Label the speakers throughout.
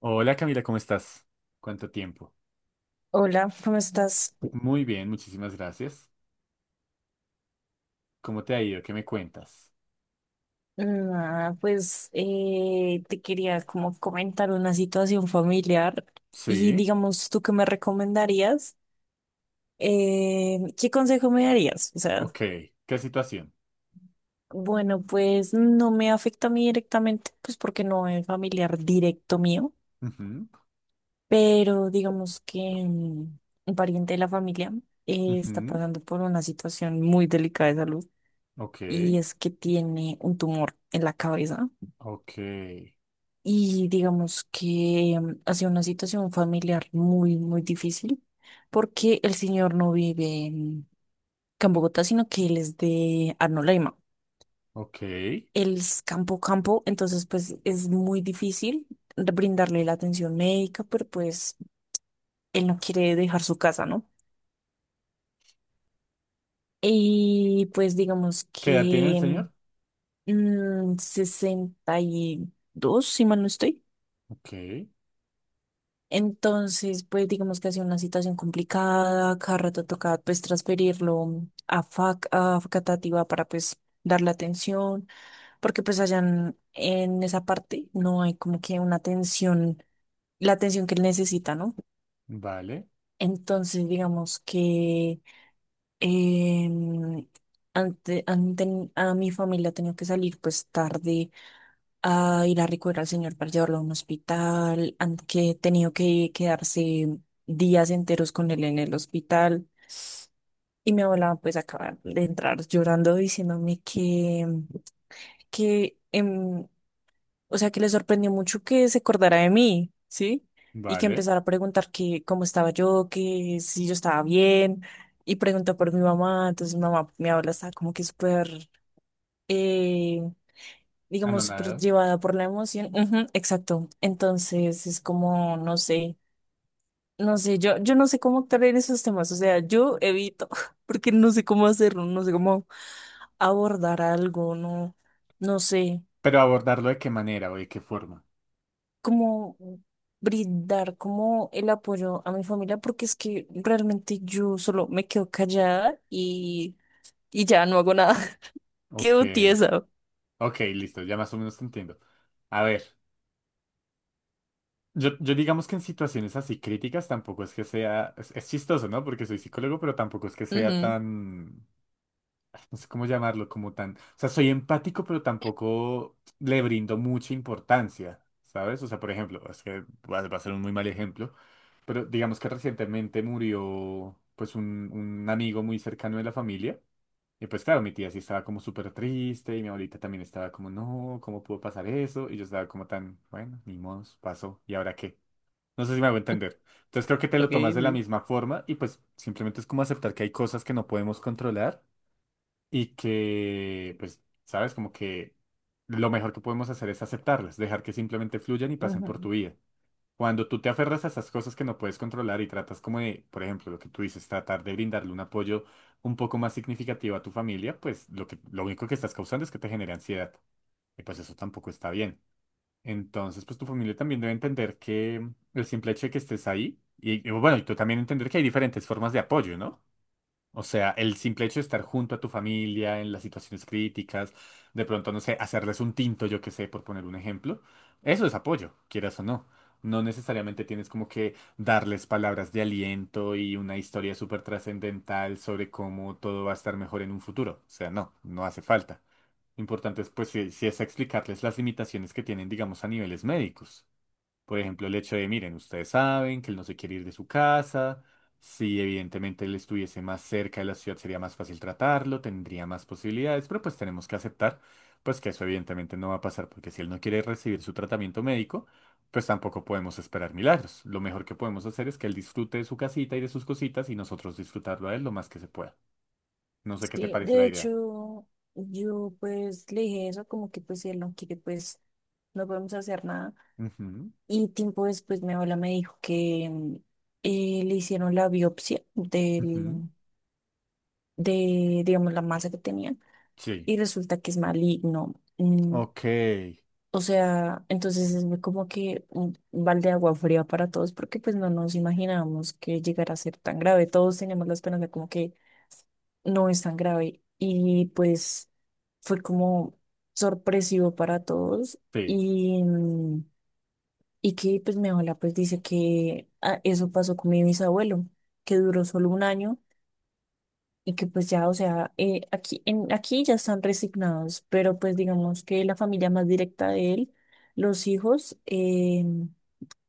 Speaker 1: Hola Camila, ¿cómo estás? ¿Cuánto tiempo?
Speaker 2: Hola, ¿cómo estás?
Speaker 1: Muy bien, muchísimas gracias. ¿Cómo te ha ido? ¿Qué me cuentas?
Speaker 2: Nada, pues te quería como comentar una situación familiar y
Speaker 1: Sí,
Speaker 2: digamos, ¿tú qué me recomendarías? ¿Qué consejo me darías? O sea,
Speaker 1: ok. ¿Qué situación?
Speaker 2: bueno, pues no me afecta a mí directamente, pues porque no es familiar directo mío,
Speaker 1: Ujú,
Speaker 2: pero digamos que mm, un pariente de la familia está
Speaker 1: ujú,
Speaker 2: pasando por una situación muy delicada de salud
Speaker 1: ok,
Speaker 2: y es que tiene un tumor en la cabeza.
Speaker 1: ok,
Speaker 2: Y digamos que ha sido una situación familiar muy, muy difícil porque el señor no vive en Campo Bogotá, sino que él es de Arnolaima.
Speaker 1: ok. ¿Qué
Speaker 2: Él es campo campo, entonces pues es muy difícil brindarle la atención médica, pero pues él no quiere dejar su casa, ¿no? Y pues digamos
Speaker 1: edad tiene el
Speaker 2: que
Speaker 1: señor?
Speaker 2: 62, si mal no estoy.
Speaker 1: Ok,
Speaker 2: Entonces, pues digamos que ha sido una situación complicada, cada rato toca pues transferirlo a FAC, a Facatativá para pues darle atención, porque pues allá en esa parte no hay como que una atención, la atención que él necesita, ¿no?
Speaker 1: vale,
Speaker 2: Entonces, digamos que em, a mi familia ha tenido que salir pues tarde a ir a recoger al señor para llevarlo a un hospital, han que he tenido que quedarse días enteros con él en el hospital. Y mi abuela pues acaba de entrar llorando que o sea, que le sorprendió mucho que se acordara de mí, ¿sí? Y que
Speaker 1: vale.
Speaker 2: empezara a preguntar que cómo estaba yo, que si yo estaba bien, y preguntó por mi mamá, entonces mi mamá, mi abuela estaba como que súper eh,
Speaker 1: Ah, no,
Speaker 2: digamos, súper
Speaker 1: nada.
Speaker 2: llevada por la emoción. Ujú, exacto. Entonces es como, no sé, no sé, yo no sé cómo actuar en esos temas, o sea, yo evito, porque no sé cómo hacerlo, no sé cómo abordar algo, no, no sé
Speaker 1: Pero abordarlo de qué manera o de qué forma.
Speaker 2: cómo brindar como el apoyo a mi familia, porque es que realmente yo solo me quedo callada y ya no hago nada,
Speaker 1: Ok,
Speaker 2: quedo tiesa.
Speaker 1: ok, listo, ya más o menos te entiendo. A ver. Yo digamos que en situaciones así críticas tampoco es que sea, es chistoso, ¿no? Porque soy psicólogo, pero tampoco es que sea
Speaker 2: Ujú,
Speaker 1: tan, no sé cómo llamarlo, como tan, o sea, soy empático, pero tampoco le brindo mucha importancia, ¿sabes? O sea, por ejemplo, es que va, va a ser un muy mal ejemplo, pero digamos que recientemente murió, pues, un amigo muy cercano de la familia. Y pues claro, mi tía sí estaba como súper triste y mi abuelita también estaba como, no, ¿cómo pudo pasar eso? Y yo estaba como tan, bueno, ni modos, pasó, ¿y ahora qué? No sé si me hago entender. Entonces creo que te lo tomas de la misma forma y pues simplemente es como aceptar que hay cosas que no podemos controlar y que, pues, sabes, como que lo mejor que podemos hacer es aceptarlas, dejar que simplemente fluyan y pasen por
Speaker 2: ujú.
Speaker 1: tu vida. Cuando tú te aferras a esas cosas que no puedes controlar y tratas como de, por ejemplo, lo que tú dices, tratar de brindarle un apoyo un poco más significativo a tu familia, pues lo que, lo único que estás causando es que te genere ansiedad. Y pues eso tampoco está bien. Entonces, pues tu familia también debe entender que el simple hecho de que estés ahí, y bueno, y tú también entender que hay diferentes formas de apoyo, ¿no? O sea, el simple hecho de estar junto a tu familia en las situaciones críticas, de pronto, no sé, hacerles un tinto, yo qué sé, por poner un ejemplo, eso es apoyo, quieras o no. No necesariamente tienes como que darles palabras de aliento y una historia súper trascendental sobre cómo todo va a estar mejor en un futuro. O sea, no, no hace falta. Lo importante es, pues, si, si es explicarles las limitaciones que tienen, digamos, a niveles médicos. Por ejemplo, el hecho de, miren, ustedes saben que él no se quiere ir de su casa. Si evidentemente él estuviese más cerca de la ciudad sería más fácil tratarlo, tendría más posibilidades, pero pues tenemos que aceptar pues que eso evidentemente no va a pasar, porque si él no quiere recibir su tratamiento médico, pues tampoco podemos esperar milagros. Lo mejor que podemos hacer es que él disfrute de su casita y de sus cositas y nosotros disfrutarlo a él lo más que se pueda. No sé qué te
Speaker 2: Sí,
Speaker 1: parece
Speaker 2: de
Speaker 1: la idea.
Speaker 2: hecho, yo pues le dije eso, como que pues si él no quiere, pues no podemos hacer nada.
Speaker 1: Ujú,
Speaker 2: Y tiempo después mi abuela me dijo que le hicieron la biopsia
Speaker 1: ujú.
Speaker 2: de, digamos, la masa que tenía
Speaker 1: Sí.
Speaker 2: y resulta que es maligno. Mm,
Speaker 1: Ok.
Speaker 2: o sea, entonces es muy como que un balde de agua fría para todos porque pues no nos imaginábamos que llegara a ser tan grave. Todos teníamos la esperanza como que no es tan grave. Y pues fue como sorpresivo para todos.
Speaker 1: Sí.
Speaker 2: Y, mm, y que pues mi abuela pues dice que ah, eso pasó con mi bisabuelo, que duró solo un año y que pues ya, o sea, aquí ya están resignados, pero pues digamos que la familia más directa de él, los hijos,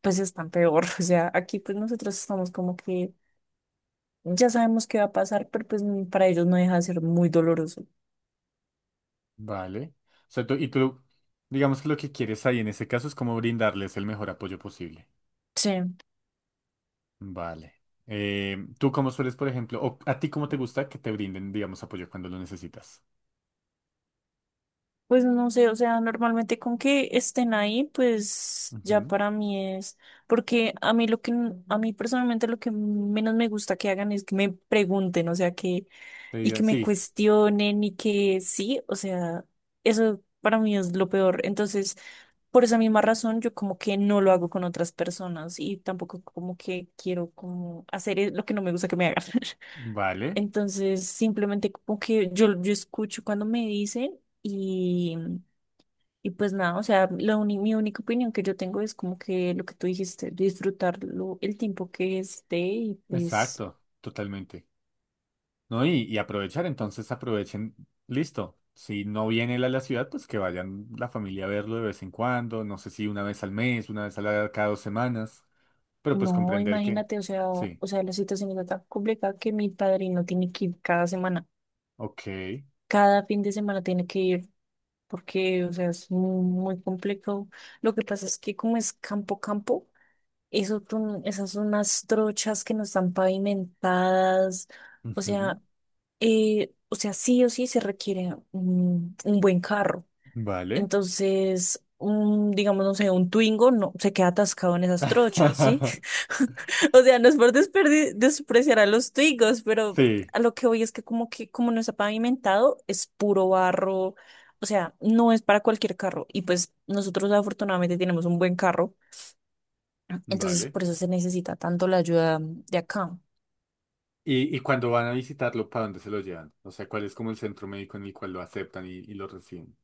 Speaker 2: pues están peor. O sea, aquí pues nosotros estamos como que ya sabemos qué va a pasar, pero pues para ellos no deja de ser muy doloroso.
Speaker 1: Vale. O sea, tú, y tú, digamos que lo que quieres ahí en ese caso es como brindarles el mejor apoyo posible.
Speaker 2: Sí.
Speaker 1: Vale. ¿Tú cómo sueles, por ejemplo, o a ti cómo te gusta que te brinden, digamos, apoyo cuando lo necesitas?
Speaker 2: Pues no sé, o sea, normalmente con que estén ahí, pues ya
Speaker 1: Ujú.
Speaker 2: para mí es, porque a mí n- a mí personalmente lo que menos me gusta que hagan es que me pregunten, o sea, que,
Speaker 1: Te
Speaker 2: y
Speaker 1: digan,
Speaker 2: que me
Speaker 1: sí,
Speaker 2: cuestionen y que sí, o sea, eso para mí es lo peor. Entonces, por esa misma razón, yo como que no lo hago con otras personas y tampoco como que quiero como hacer es- lo que no me gusta que me hagan.
Speaker 1: vale,
Speaker 2: Entonces, simplemente como que yo escucho cuando me dicen y pues nada, o sea, la uni- mi única opinión que yo tengo es como que lo que tú dijiste, disfrutarlo el tiempo que esté y pues
Speaker 1: exacto, totalmente. ¿No? Y aprovechar, entonces aprovechen, listo. Si no viene él a la ciudad, pues que vayan la familia a verlo de vez en cuando, no sé si una vez al mes, una vez a la, cada 2 semanas, pero pues
Speaker 2: no,
Speaker 1: comprender que,
Speaker 2: imagínate,
Speaker 1: sí,
Speaker 2: o sea, la situación está tan complicada que mi padrino tiene que ir cada semana,
Speaker 1: ok.
Speaker 2: cada fin de semana tiene que ir porque, o sea, es muy, muy complejo. Lo que pasa es que como es campo, campo, eso, tú- esas son unas trochas que no están pavimentadas, o
Speaker 1: Ujú,
Speaker 2: sea, o sea, sí o sí se requiere un buen carro.
Speaker 1: vale.
Speaker 2: Entonces, un, digamos, no sé, un Twingo no, se queda atascado en esas trochas, ¿sí? O sea, no es por desperdi- despreciar a los Twingos, pero
Speaker 1: Sí,
Speaker 2: a lo que voy es que como no está pavimentado, es puro barro. O sea, no es para cualquier carro. Y pues nosotros afortunadamente tenemos un buen carro. Entonces,
Speaker 1: vale.
Speaker 2: por eso se necesita tanto la ayuda de acá.
Speaker 1: Y cuando van a visitarlo, para dónde se lo llevan? O sea, ¿cuál es como el centro médico en el cual lo aceptan y lo reciben?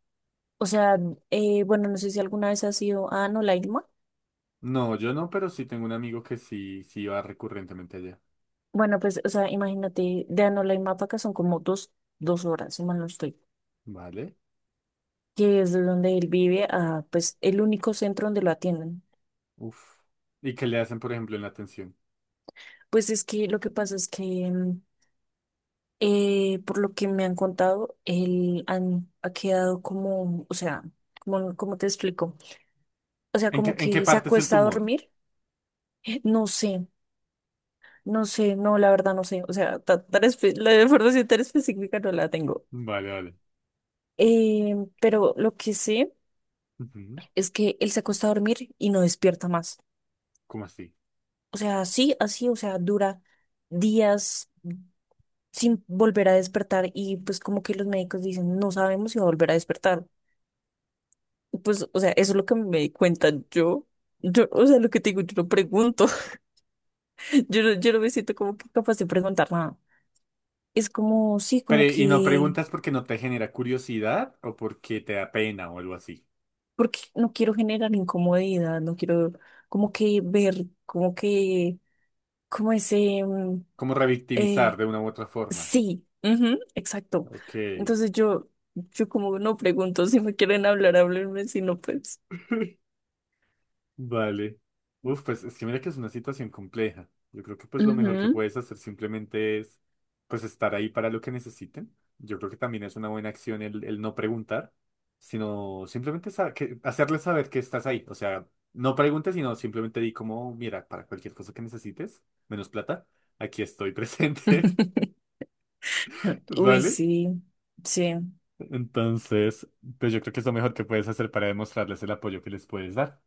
Speaker 2: O sea, bueno, no sé si alguna vez has ido a Anolaima.
Speaker 1: No, yo no, pero sí tengo un amigo que sí, sí va recurrentemente allá.
Speaker 2: Bueno, pues, o sea, imagínate, de Anolaima para acá son como dos, dos horas, si mal no estoy.
Speaker 1: Vale.
Speaker 2: Que es de donde él vive, a pues el único centro donde lo atienden.
Speaker 1: Uf. ¿Y qué le hacen, por ejemplo, en la atención?
Speaker 2: Pues es que lo que pasa es que, mm, por lo que me han contado, ha quedado como, o sea, como, ¿como te explico? O sea, como
Speaker 1: En qué
Speaker 2: que se
Speaker 1: parte es el
Speaker 2: acuesta a
Speaker 1: tumor?
Speaker 2: dormir. No sé, no sé, no, la verdad no sé. O sea, ta- tan espe- la información tan específica no la tengo.
Speaker 1: Vale, vale.
Speaker 2: Pero lo que sé
Speaker 1: Ujú,
Speaker 2: es que él se acuesta a dormir y no despierta más.
Speaker 1: ¿cómo así?
Speaker 2: O sea, sí, así, o sea, dura días, sin volver a despertar y pues como que los médicos dicen, no sabemos si va a volver a despertar. Pues, o sea, eso es lo que me di cuenta yo. Yo, o sea, lo que te digo, yo no pregunto, yo no me siento como que capaz de preguntar nada. Es como, sí,
Speaker 1: Pero,
Speaker 2: como
Speaker 1: ¿y no
Speaker 2: que,
Speaker 1: preguntas porque no te genera curiosidad o porque te da pena o algo así?
Speaker 2: porque no quiero generar incomodidad, no quiero como que ver, como que, como ese,
Speaker 1: Como revictimizar
Speaker 2: eh,
Speaker 1: de una u otra forma.
Speaker 2: sí, ujú, exacto.
Speaker 1: Ok.
Speaker 2: Entonces yo como no pregunto, si me quieren hablar, háblenme, si no, pues.
Speaker 1: Vale. Uf, pues es que mira que es una situación compleja. Yo creo que pues lo mejor que
Speaker 2: Ujú.
Speaker 1: puedes hacer simplemente es pues estar ahí para lo que necesiten. Yo creo que también es una buena acción el no preguntar, sino simplemente sa- que, hacerles saber que estás ahí. O sea, no preguntes, sino simplemente di como, mira, para cualquier cosa que necesites, menos plata, aquí estoy presente.
Speaker 2: Uy,
Speaker 1: ¿Vale?
Speaker 2: sí, sí,
Speaker 1: Entonces, pues yo creo que es lo mejor que puedes hacer para demostrarles el apoyo que les puedes dar.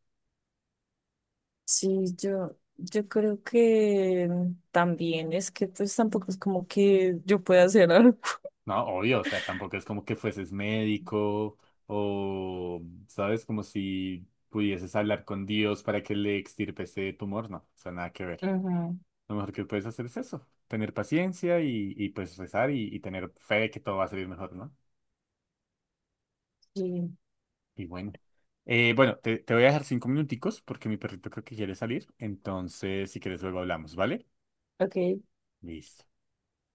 Speaker 2: sí, yo creo que también es que pues tampoco es como que yo pueda hacer algo.
Speaker 1: No, obvio, o sea, tampoco es como que fueses médico o, ¿sabes? Como si pudieses hablar con Dios para que le extirpe ese tumor, no, o sea, nada que ver.
Speaker 2: Ujú,
Speaker 1: Lo mejor que puedes hacer es eso, tener paciencia y pues rezar y tener fe de que todo va a salir mejor, ¿no?
Speaker 2: sí,
Speaker 1: Y bueno. Bueno, te, te voy a dejar 5 minuticos porque mi perrito creo que quiere salir, entonces si quieres luego hablamos, ¿vale?
Speaker 2: ok.
Speaker 1: Listo.